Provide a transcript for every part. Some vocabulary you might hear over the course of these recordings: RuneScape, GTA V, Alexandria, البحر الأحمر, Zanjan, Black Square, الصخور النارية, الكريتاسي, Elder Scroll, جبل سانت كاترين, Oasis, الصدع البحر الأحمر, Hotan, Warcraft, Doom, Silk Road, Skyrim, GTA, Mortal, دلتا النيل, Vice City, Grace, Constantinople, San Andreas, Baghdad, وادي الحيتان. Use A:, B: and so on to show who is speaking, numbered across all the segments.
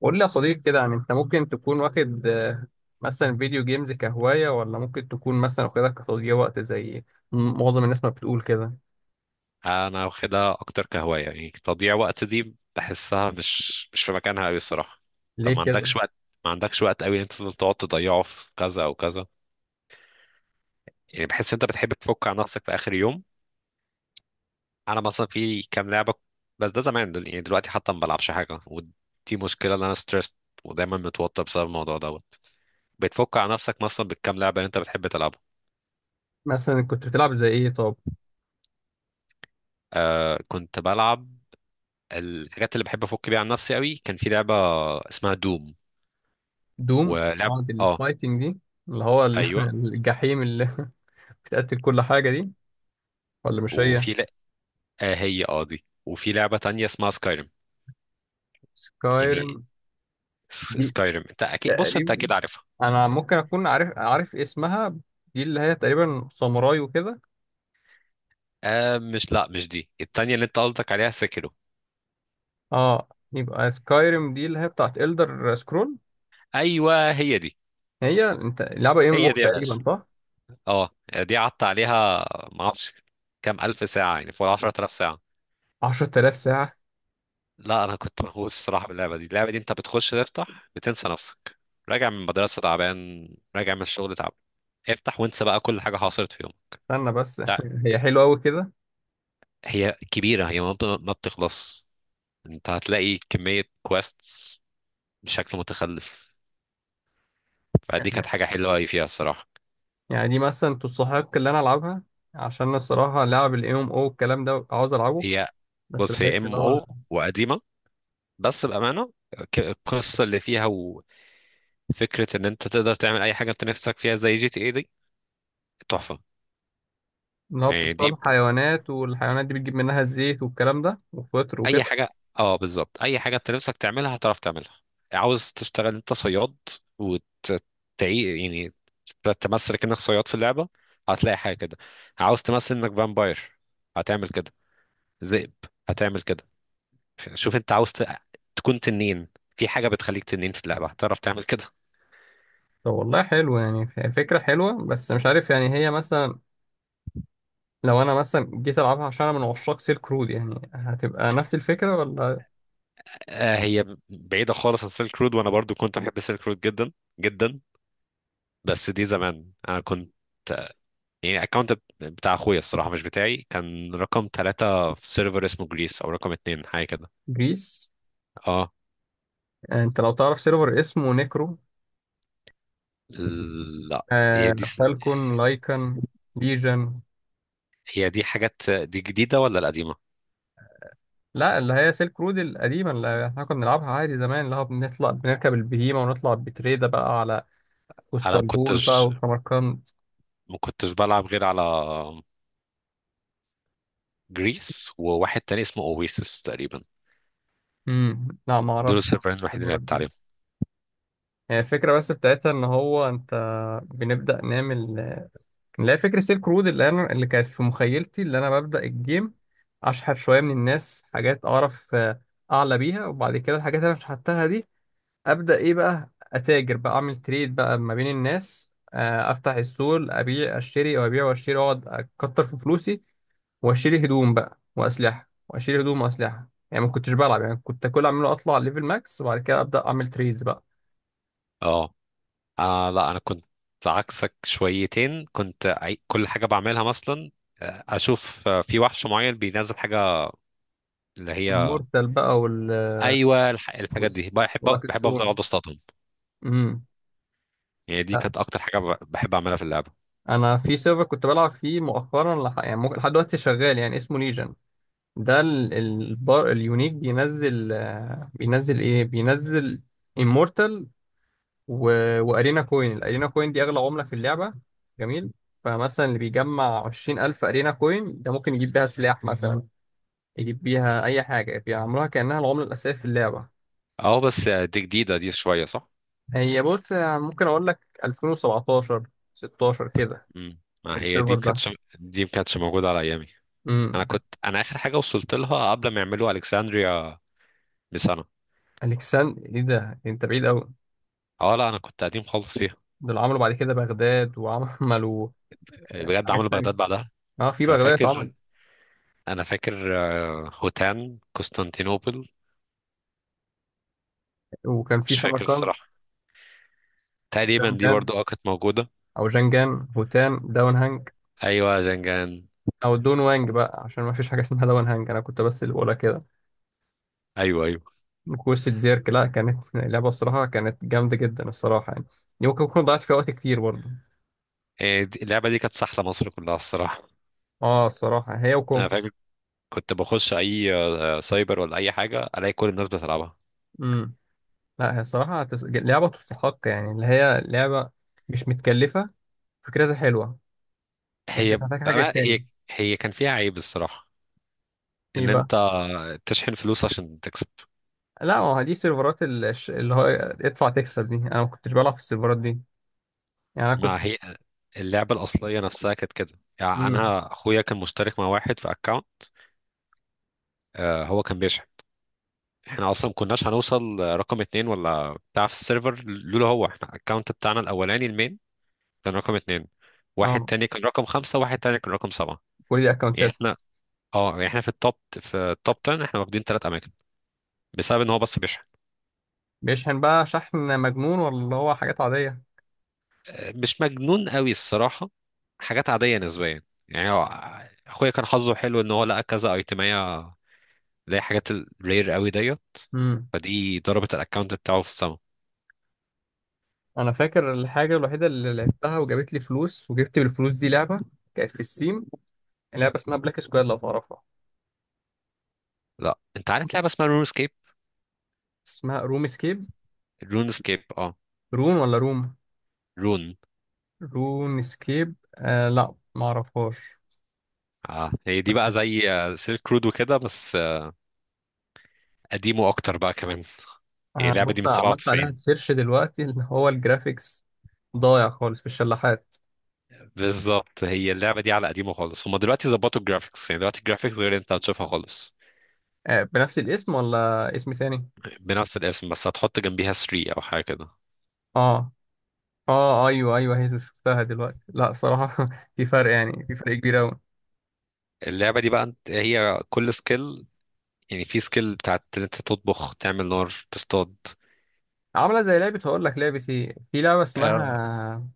A: قول لي يا صديق كده، يعني انت ممكن تكون واخد مثلا فيديو جيمز كهواية، ولا ممكن تكون مثلا واخدها كتضييع وقت زي معظم الناس ما بتقول كده؟
B: انا واخدها اكتر كهوايه. يعني تضييع وقت دي بحسها مش في مكانها قوي الصراحه. طب
A: ليه كده؟
B: ما عندكش وقت قوي إن انت تفضل تقعد تضيعه في كذا او كذا. يعني بحس انت بتحب تفك عن نفسك في اخر يوم. انا مثلا في كام لعبه، بس ده زمان. يعني دلوقتي حتى ما بلعبش حاجه، ودي مشكله ان انا ستريسد ودايما متوتر بسبب الموضوع دوت. بتفك عن نفسك مثلا بالكام لعبه اللي انت بتحب تلعبها.
A: مثلا كنت بتلعب زي ايه طب؟
B: آه كنت بلعب. الحاجات اللي بحب افك بيها عن نفسي قوي كان في لعبه اسمها دوم.
A: دوم
B: ولعب.
A: قعد
B: اه.
A: الفايتنج دي؟ اللي هو
B: أيوه.
A: الجحيم اللي بتقتل كل حاجة دي، ولا مش هي؟
B: وفي ل... آه هي اه دي. وفي لعبة تانية اسمها سكايرم. يعني
A: سكايرم دي
B: سكايرم انت اكيد، بص انت
A: تقريبا
B: اكيد عارفها.
A: انا ممكن اكون عارف اسمها. دي اللي هي تقريبا ساموراي وكده.
B: آه مش، لا مش دي، التانية اللي انت قصدك عليها سكرو.
A: اه، يبقى سكايرم دي اللي هي بتاعت إلدر سكرول.
B: ايوه هي دي.
A: هي انت لعبة ام
B: هي
A: او
B: دي يا
A: تقريبا،
B: باشا.
A: صح؟
B: اه دي قعدت عليها ما اعرفش كام الف ساعة، يعني فوق 10000 ساعة.
A: 10,000 ساعة؟
B: لا انا كنت مهووس الصراحة باللعبة دي. اللعبة دي انت بتخش تفتح بتنسى نفسك. راجع من المدرسة تعبان، راجع من الشغل تعبان، افتح وانسى بقى كل حاجة حصلت في يومك.
A: استنى بس
B: تع-
A: هي حلوة قوي كده؟
B: هي كبيرة، هي ما بتخلص. انت هتلاقي كمية كويستس بشكل متخلف. فدي
A: يعني
B: كانت حاجة حلوة أوي فيها الصراحة.
A: يعني دي مثلا تستحق اللي انا العبها؟ عشان الصراحة لعب الام او الكلام ده عاوز العبه،
B: هي
A: بس
B: بص، هي
A: بحس ان
B: ام
A: هو
B: او وقديمة، بس بأمانة، القصة اللي فيها وفكرة ان انت تقدر تعمل اي حاجة انت نفسك فيها زي جي تي اي دي تحفة.
A: ان هو
B: يعني دي ب...
A: بتتصاد حيوانات، والحيوانات دي بتجيب منها الزيت والكلام ده وفطر
B: اي
A: وكده.
B: حاجة. اه بالظبط، اي حاجة انت نفسك تعملها هتعرف تعملها. عاوز تشتغل انت صياد وتعي، يعني تمثل انك صياد في اللعبة، هتلاقي حاجة كده. عاوز تمثل انك فامباير هتعمل كده. ذئب هتعمل كده. شوف انت تكون تنين، في حاجة بتخليك تنين في اللعبة هتعرف تعمل كده.
A: طب والله حلو، يعني هي فكرة حلوة، بس مش عارف يعني هي مثلا لو انا مثلا جيت العبها عشان انا من عشاق سيلك رود، يعني هتبقى نفس الفكرة ولا؟
B: آه هي بعيدة خالص عن سيلك رود، وانا برضو كنت بحب سيلك رود جدا جدا. بس دي زمان، انا كنت يعني الاكونت بتاع اخويا، الصراحة مش بتاعي، كان رقم ثلاثة في سيرفر اسمه جريس، او رقم اتنين حاجة كده.
A: جريس.
B: اه.
A: انت لو تعرف سيرفر اسمه نيكرو؟
B: لا. هي
A: آه،
B: دي س-
A: فالكون لايكن؟ ليجن.
B: هي دي حاجات، دي جديدة ولا القديمة؟
A: لا، اللي هي سيلك رود القديمة اللي احنا كنا بنلعبها عادي زمان، اللي هو بنطلع بنركب البهيمة ونطلع بتريدة بقى على
B: انا ما
A: والصلبول بقى
B: كنتش
A: وسمرقند.
B: ما كنتش بلعب غير على جريس وواحد تاني اسمه اويسس تقريبا.
A: امم، لا ما
B: دول
A: اعرفش.
B: السيرفرين الوحيدين اللي
A: الخبرة
B: لعبت
A: دي،
B: عليهم.
A: هي الفكرة بس بتاعتها ان هو انت بنبدأ نعمل، اللي هي فكرة سيلك رود اللي انا اللي كانت في مخيلتي اللي انا ببدأ الجيم، اشحت شوية من الناس حاجات اعرف اعلى بيها، وبعد كده الحاجات اللي انا شحتها دي، ابدا ايه بقى؟ اتاجر بقى، اعمل تريد بقى ما بين الناس، افتح السوق، ابيع اشتري وابيع واشتري، واقعد اكتر في فلوسي، واشتري هدوم بقى واسلحه، واشتري هدوم واسلحه. يعني ما كنتش بلعب، يعني كنت كل اعمله اطلع ليفل ماكس وبعد كده ابدا اعمل تريدز بقى.
B: اه. آه لا انا كنت عكسك شويتين. كل حاجه بعملها مثلا، اشوف في وحش معين بينزل حاجه اللي هي،
A: المورتال بقى وال،
B: ايوه الحاجات دي
A: واللاك
B: بحب افضل
A: السون.
B: اقعد اصطادهم.
A: امم.
B: يعني دي
A: لا
B: كانت اكتر حاجه بحب اعملها في اللعبه.
A: انا في سيرفر كنت بلعب فيه مؤخرا، يعني ممكن لحد دلوقتي شغال، يعني اسمه ليجن. ده البار اليونيك بينزل، بينزل ايه؟ بينزل immortal و... وارينا كوين. الارينا كوين دي اغلى عمله في اللعبه، جميل. فمثلا اللي بيجمع 20,000 ارينا كوين ده ممكن يجيب بيها سلاح مثلا، يجيب بيها اي حاجه، بيعملوها كانها العمله الاساسيه في اللعبه.
B: اه بس، دي جديده دي شويه صح؟
A: هي بص، ممكن اقول لك 2017، 16 كده
B: امم. ما هي دي
A: السيرفر
B: ما
A: ده.
B: كانتش دي ما كانتش موجوده على ايامي.
A: امم.
B: انا اخر حاجه وصلت لها قبل ما يعملوا الكسندريا بسنه.
A: الكسان ايه ده؟ انت بعيد قوي.
B: اه لا انا كنت قديم خالص فيها.
A: دول عملوا بعد كده بغداد، وعملوا
B: بجد
A: حاجات
B: عملوا
A: تانية.
B: بغداد بعدها.
A: اه في
B: انا
A: بغداد اتعمل،
B: فاكر انا فاكر هوتان قسطنطينوبل.
A: وكان في
B: مش فاكر
A: سمرقند.
B: الصراحه،
A: جان
B: تقريبا دي
A: جان
B: برضو اه كانت موجوده.
A: او جنجان. هوتان داون هانج.
B: ايوه زنجان.
A: او دون وانج بقى، عشان ما فيش حاجه اسمها دون هانج، انا كنت بس اللي بقولها كده.
B: ايوه ايوه.
A: كوسة زيرك، لا كانت لعبه الصراحه، كانت جامده جدا الصراحه يعني. دي ممكن اكون ضيعت فيها وقت كتير برضه.
B: اللعبه دي كانت سحله مصر كلها الصراحه.
A: اه الصراحه، هي
B: انا
A: وكونكر.
B: فاكر كنت بخش اي سايبر ولا اي حاجه الاقي كل الناس بتلعبها.
A: امم. لا هي الصراحه لعبه تستحق، يعني اللي هي لعبه مش متكلفه، فكرتها حلوه، يعني انت مش محتاج حاجه
B: هي،
A: تاني.
B: هي كان فيها عيب الصراحه،
A: ايه
B: ان
A: بقى؟
B: انت تشحن فلوس عشان تكسب.
A: لا ما هو دي سيرفرات اللي هو ادفع تكسب، دي انا ما كنتش بلعب في السيرفرات دي، يعني انا
B: مع
A: كنت.
B: هي اللعبه الاصليه نفسها كانت كده. يعني
A: امم.
B: انا اخويا كان مشترك مع واحد في اكونت، هو كان بيشحن. احنا اصلا ما كناش هنوصل رقم اتنين ولا بتاع في السيرفر لولا هو. احنا الاكونت بتاعنا الاولاني المين كان رقم اتنين، واحد
A: اه
B: تاني كان رقم خمسة، واحد تاني كان رقم سبعة.
A: كل دي
B: يعني
A: اكونتات.
B: احنا، اه يعني احنا في التوب 10 احنا واخدين ثلاث اماكن، بسبب ان هو بس بيشحن.
A: بيشحن بقى شحن مجنون، ولا هو حاجات عاديه؟
B: مش مجنون قوي الصراحة، حاجات عادية نسبيا. يعني هو اخويا كان حظه حلو ان هو لقى كذا ايتمية اللي هي حاجات الرير قوي ديت،
A: امم.
B: فدي ضربت الاكونت بتاعه في السما.
A: انا فاكر الحاجه الوحيده اللي لعبتها وجابت لي فلوس، وجبت بالفلوس دي لعبه كانت في السيم، لعبه اسمها بلاك سكوير، لو تعرفها.
B: لا انت عارف لعبة اسمها رون سكيب؟
A: اسمها روم سكيب؟
B: رون سكيب اه.
A: رون ولا روم؟
B: رون.
A: رون سكيب، آه لا ما اعرفهاش.
B: اه هي دي
A: بس
B: بقى زي سيلك رود وكده، بس قديمه اكتر بقى كمان. هي
A: آه،
B: اللعبه دي
A: بص
B: من
A: عملت عليها
B: 97.
A: سيرش دلوقتي، اللي هو الجرافيكس ضايع خالص في الشلاحات.
B: بالظبط هي اللعبه دي على قديمه خالص. هما دلوقتي ظبطوا الجرافيكس، يعني دلوقتي الجرافيكس غير اللي انت هتشوفها خالص.
A: آه بنفس الاسم ولا اسم تاني؟
B: بنفس الاسم، بس هتحط جنبيها 3 او حاجه كده.
A: اه. اه ايوه ايوه، هي شفتها دلوقتي لا صراحه في فرق، يعني في فرق كبير قوي.
B: اللعبه دي بقى انت- هي كل سكيل، يعني في سكيل بتاعت ان انت تطبخ، تعمل نار، تصطاد.
A: عامله زي لعبه، هقول لك لعبه ايه، في لعبه اسمها،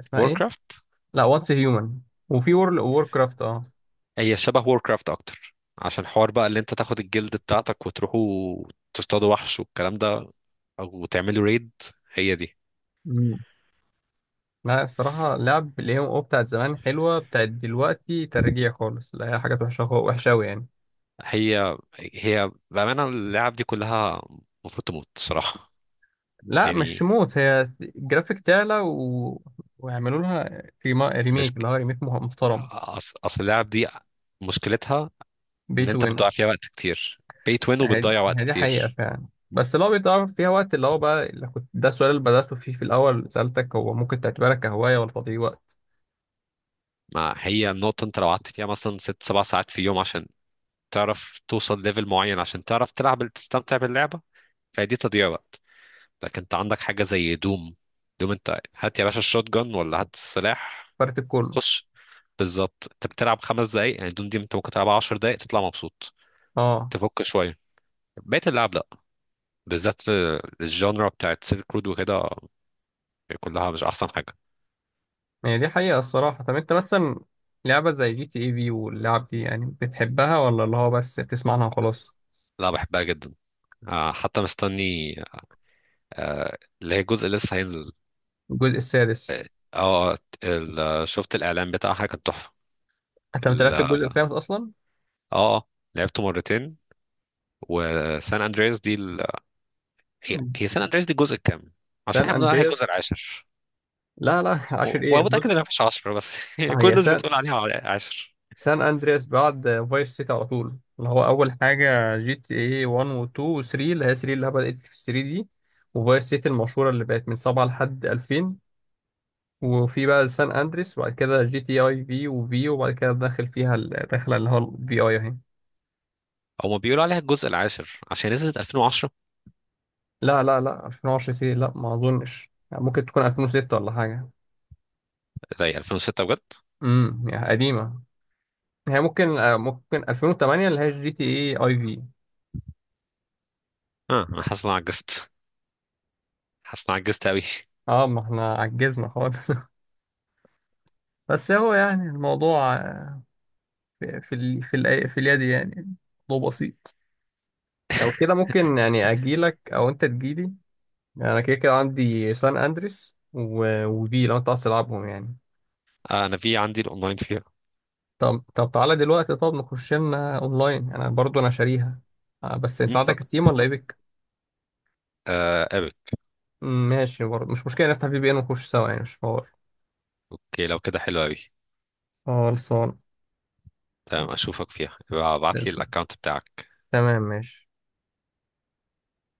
A: اسمها ايه؟
B: ووركرافت.
A: لا، واتس هيومن. وفي وورل وور كرافت اه.
B: هي شبه ووركرافت اكتر، عشان حوار بقى اللي انت تاخد الجلد بتاعتك وتروحوا تصطادوا وحش والكلام ده، او تعملوا ريد. هي دي.
A: مم. لا الصراحه لعب الاي ام او بتاعت زمان حلوه، بتاعت دلوقتي ترجيع خالص، لا هي حاجات وحشه، وحشه قوي يعني.
B: هي بأمانة، اللعب دي كلها المفروض تموت صراحة.
A: لا مش
B: يعني
A: موت، هي الجرافيك تعلى ويعملوا لها
B: مش،
A: ريميك، اللي هو ريميك محترم.
B: أصل اللعب دي مشكلتها
A: بي
B: إن
A: تو
B: أنت
A: ان.
B: بتضيع فيها وقت كتير. pay to win،
A: هي
B: وبتضيع وقت
A: هي دي حقيقه
B: كتير.
A: فعلا، بس اللي هو بيتعرف فيها وقت، اللي هو بقى اللي كنت ده السؤال اللي بدأته فيه في الأول، سألتك هو ممكن تعتبرها كهواية ولا تضييع وقت؟
B: ما هي النقطة، أنت لو قعدت فيها مثلا ست سبع ساعات في يوم عشان تعرف توصل ليفل معين، عشان تعرف تلعب تستمتع باللعبة، فدي تضييع وقت. لكن أنت عندك حاجة زي دوم. دوم أنت هات يا باشا الشوت جان ولا هات السلاح،
A: فرق كله.
B: خش. بالظبط، انت بتلعب خمس دقايق. يعني دون دي انت ممكن تلعبها عشر دقايق تطلع مبسوط،
A: اه
B: تفك شويه. بقية اللعب لا، بالذات الجانرا بتاعت سيلك رود وكده كلها مش احسن حاجه.
A: هي دي حقيقة الصراحة. طب انت مثلا لعبة زي جي تي اي في واللعب دي، يعني بتحبها ولا اللي هو بس بتسمع عنها وخلاص؟
B: لا بحبها جدا. حتى مستني اللي هي جزء لسه هينزل.
A: الجزء السادس؟
B: اه. آه، شفت الاعلان بتاعها كان تحفه.
A: انت ما
B: ال-
A: لعبت الجزء
B: اه
A: الخامس اصلا؟
B: آه، لعبته مرتين. وسان اندرياس دي ال... هي سان اندرياس دي الجزء الكام؟ عشان
A: سان
B: احنا بنقول عليها الجزء
A: اندرياس.
B: العاشر.
A: لا لا عشر ايه؟
B: وانا متاكد
A: بص
B: انها مفيش 10، بس كل
A: هي
B: الناس
A: سان،
B: بتقول عليها 10.
A: سان اندرياس بعد فايس سيتي على طول، اللي هو اول حاجة جي تي اي 1 و 2 و 3، اللي هي 3 اللي هي بدأت في 3 دي، وفايس سيتي المشهورة اللي بقت من 7 لحد 2000، وفي بقى سان اندريس، وبعد كده جي تي اي في، وفي وبعد كده داخل فيها الداخله اللي هو الفي اي اهي.
B: هما بيقولوا عليها الجزء العاشر عشان نزلت 2010.
A: لا لا لا، 2010 ايه؟ لا ما اظنش، يعني ممكن تكون 2006 ولا حاجه.
B: زي 2006 بجد.
A: امم، يعني قديمه. هي ممكن ممكن 2008، اللي هي جي تي اي اي في.
B: اه انا حاسس ان انا عجزت، حاسس ان انا عجزت قوي.
A: اه ما احنا عجزنا خالص بس هو يعني الموضوع في في اليد يعني، موضوع بسيط. لو كده ممكن يعني اجيلك او انت تجيلي. انا كده كده عندي سان اندريس وفي، لو انت عايز تلعبهم يعني.
B: آه انا في عندي الاونلاين فيها.
A: طب طب تعالى دلوقتي، طب نخش لنا اونلاين، انا برضو انا شاريها. بس انت
B: مم، طب.
A: عندك السيم ولا ايبك؟
B: آه قابل.
A: مم، ماشي برضو مش مشكله، نفتح في بي ان ونخش سوا، يعني مش حوار.
B: اوكي لو كده حلو قوي.
A: خلصان.
B: تمام اشوفك فيها، ابعت لي الاكونت بتاعك.
A: تمام ماشي.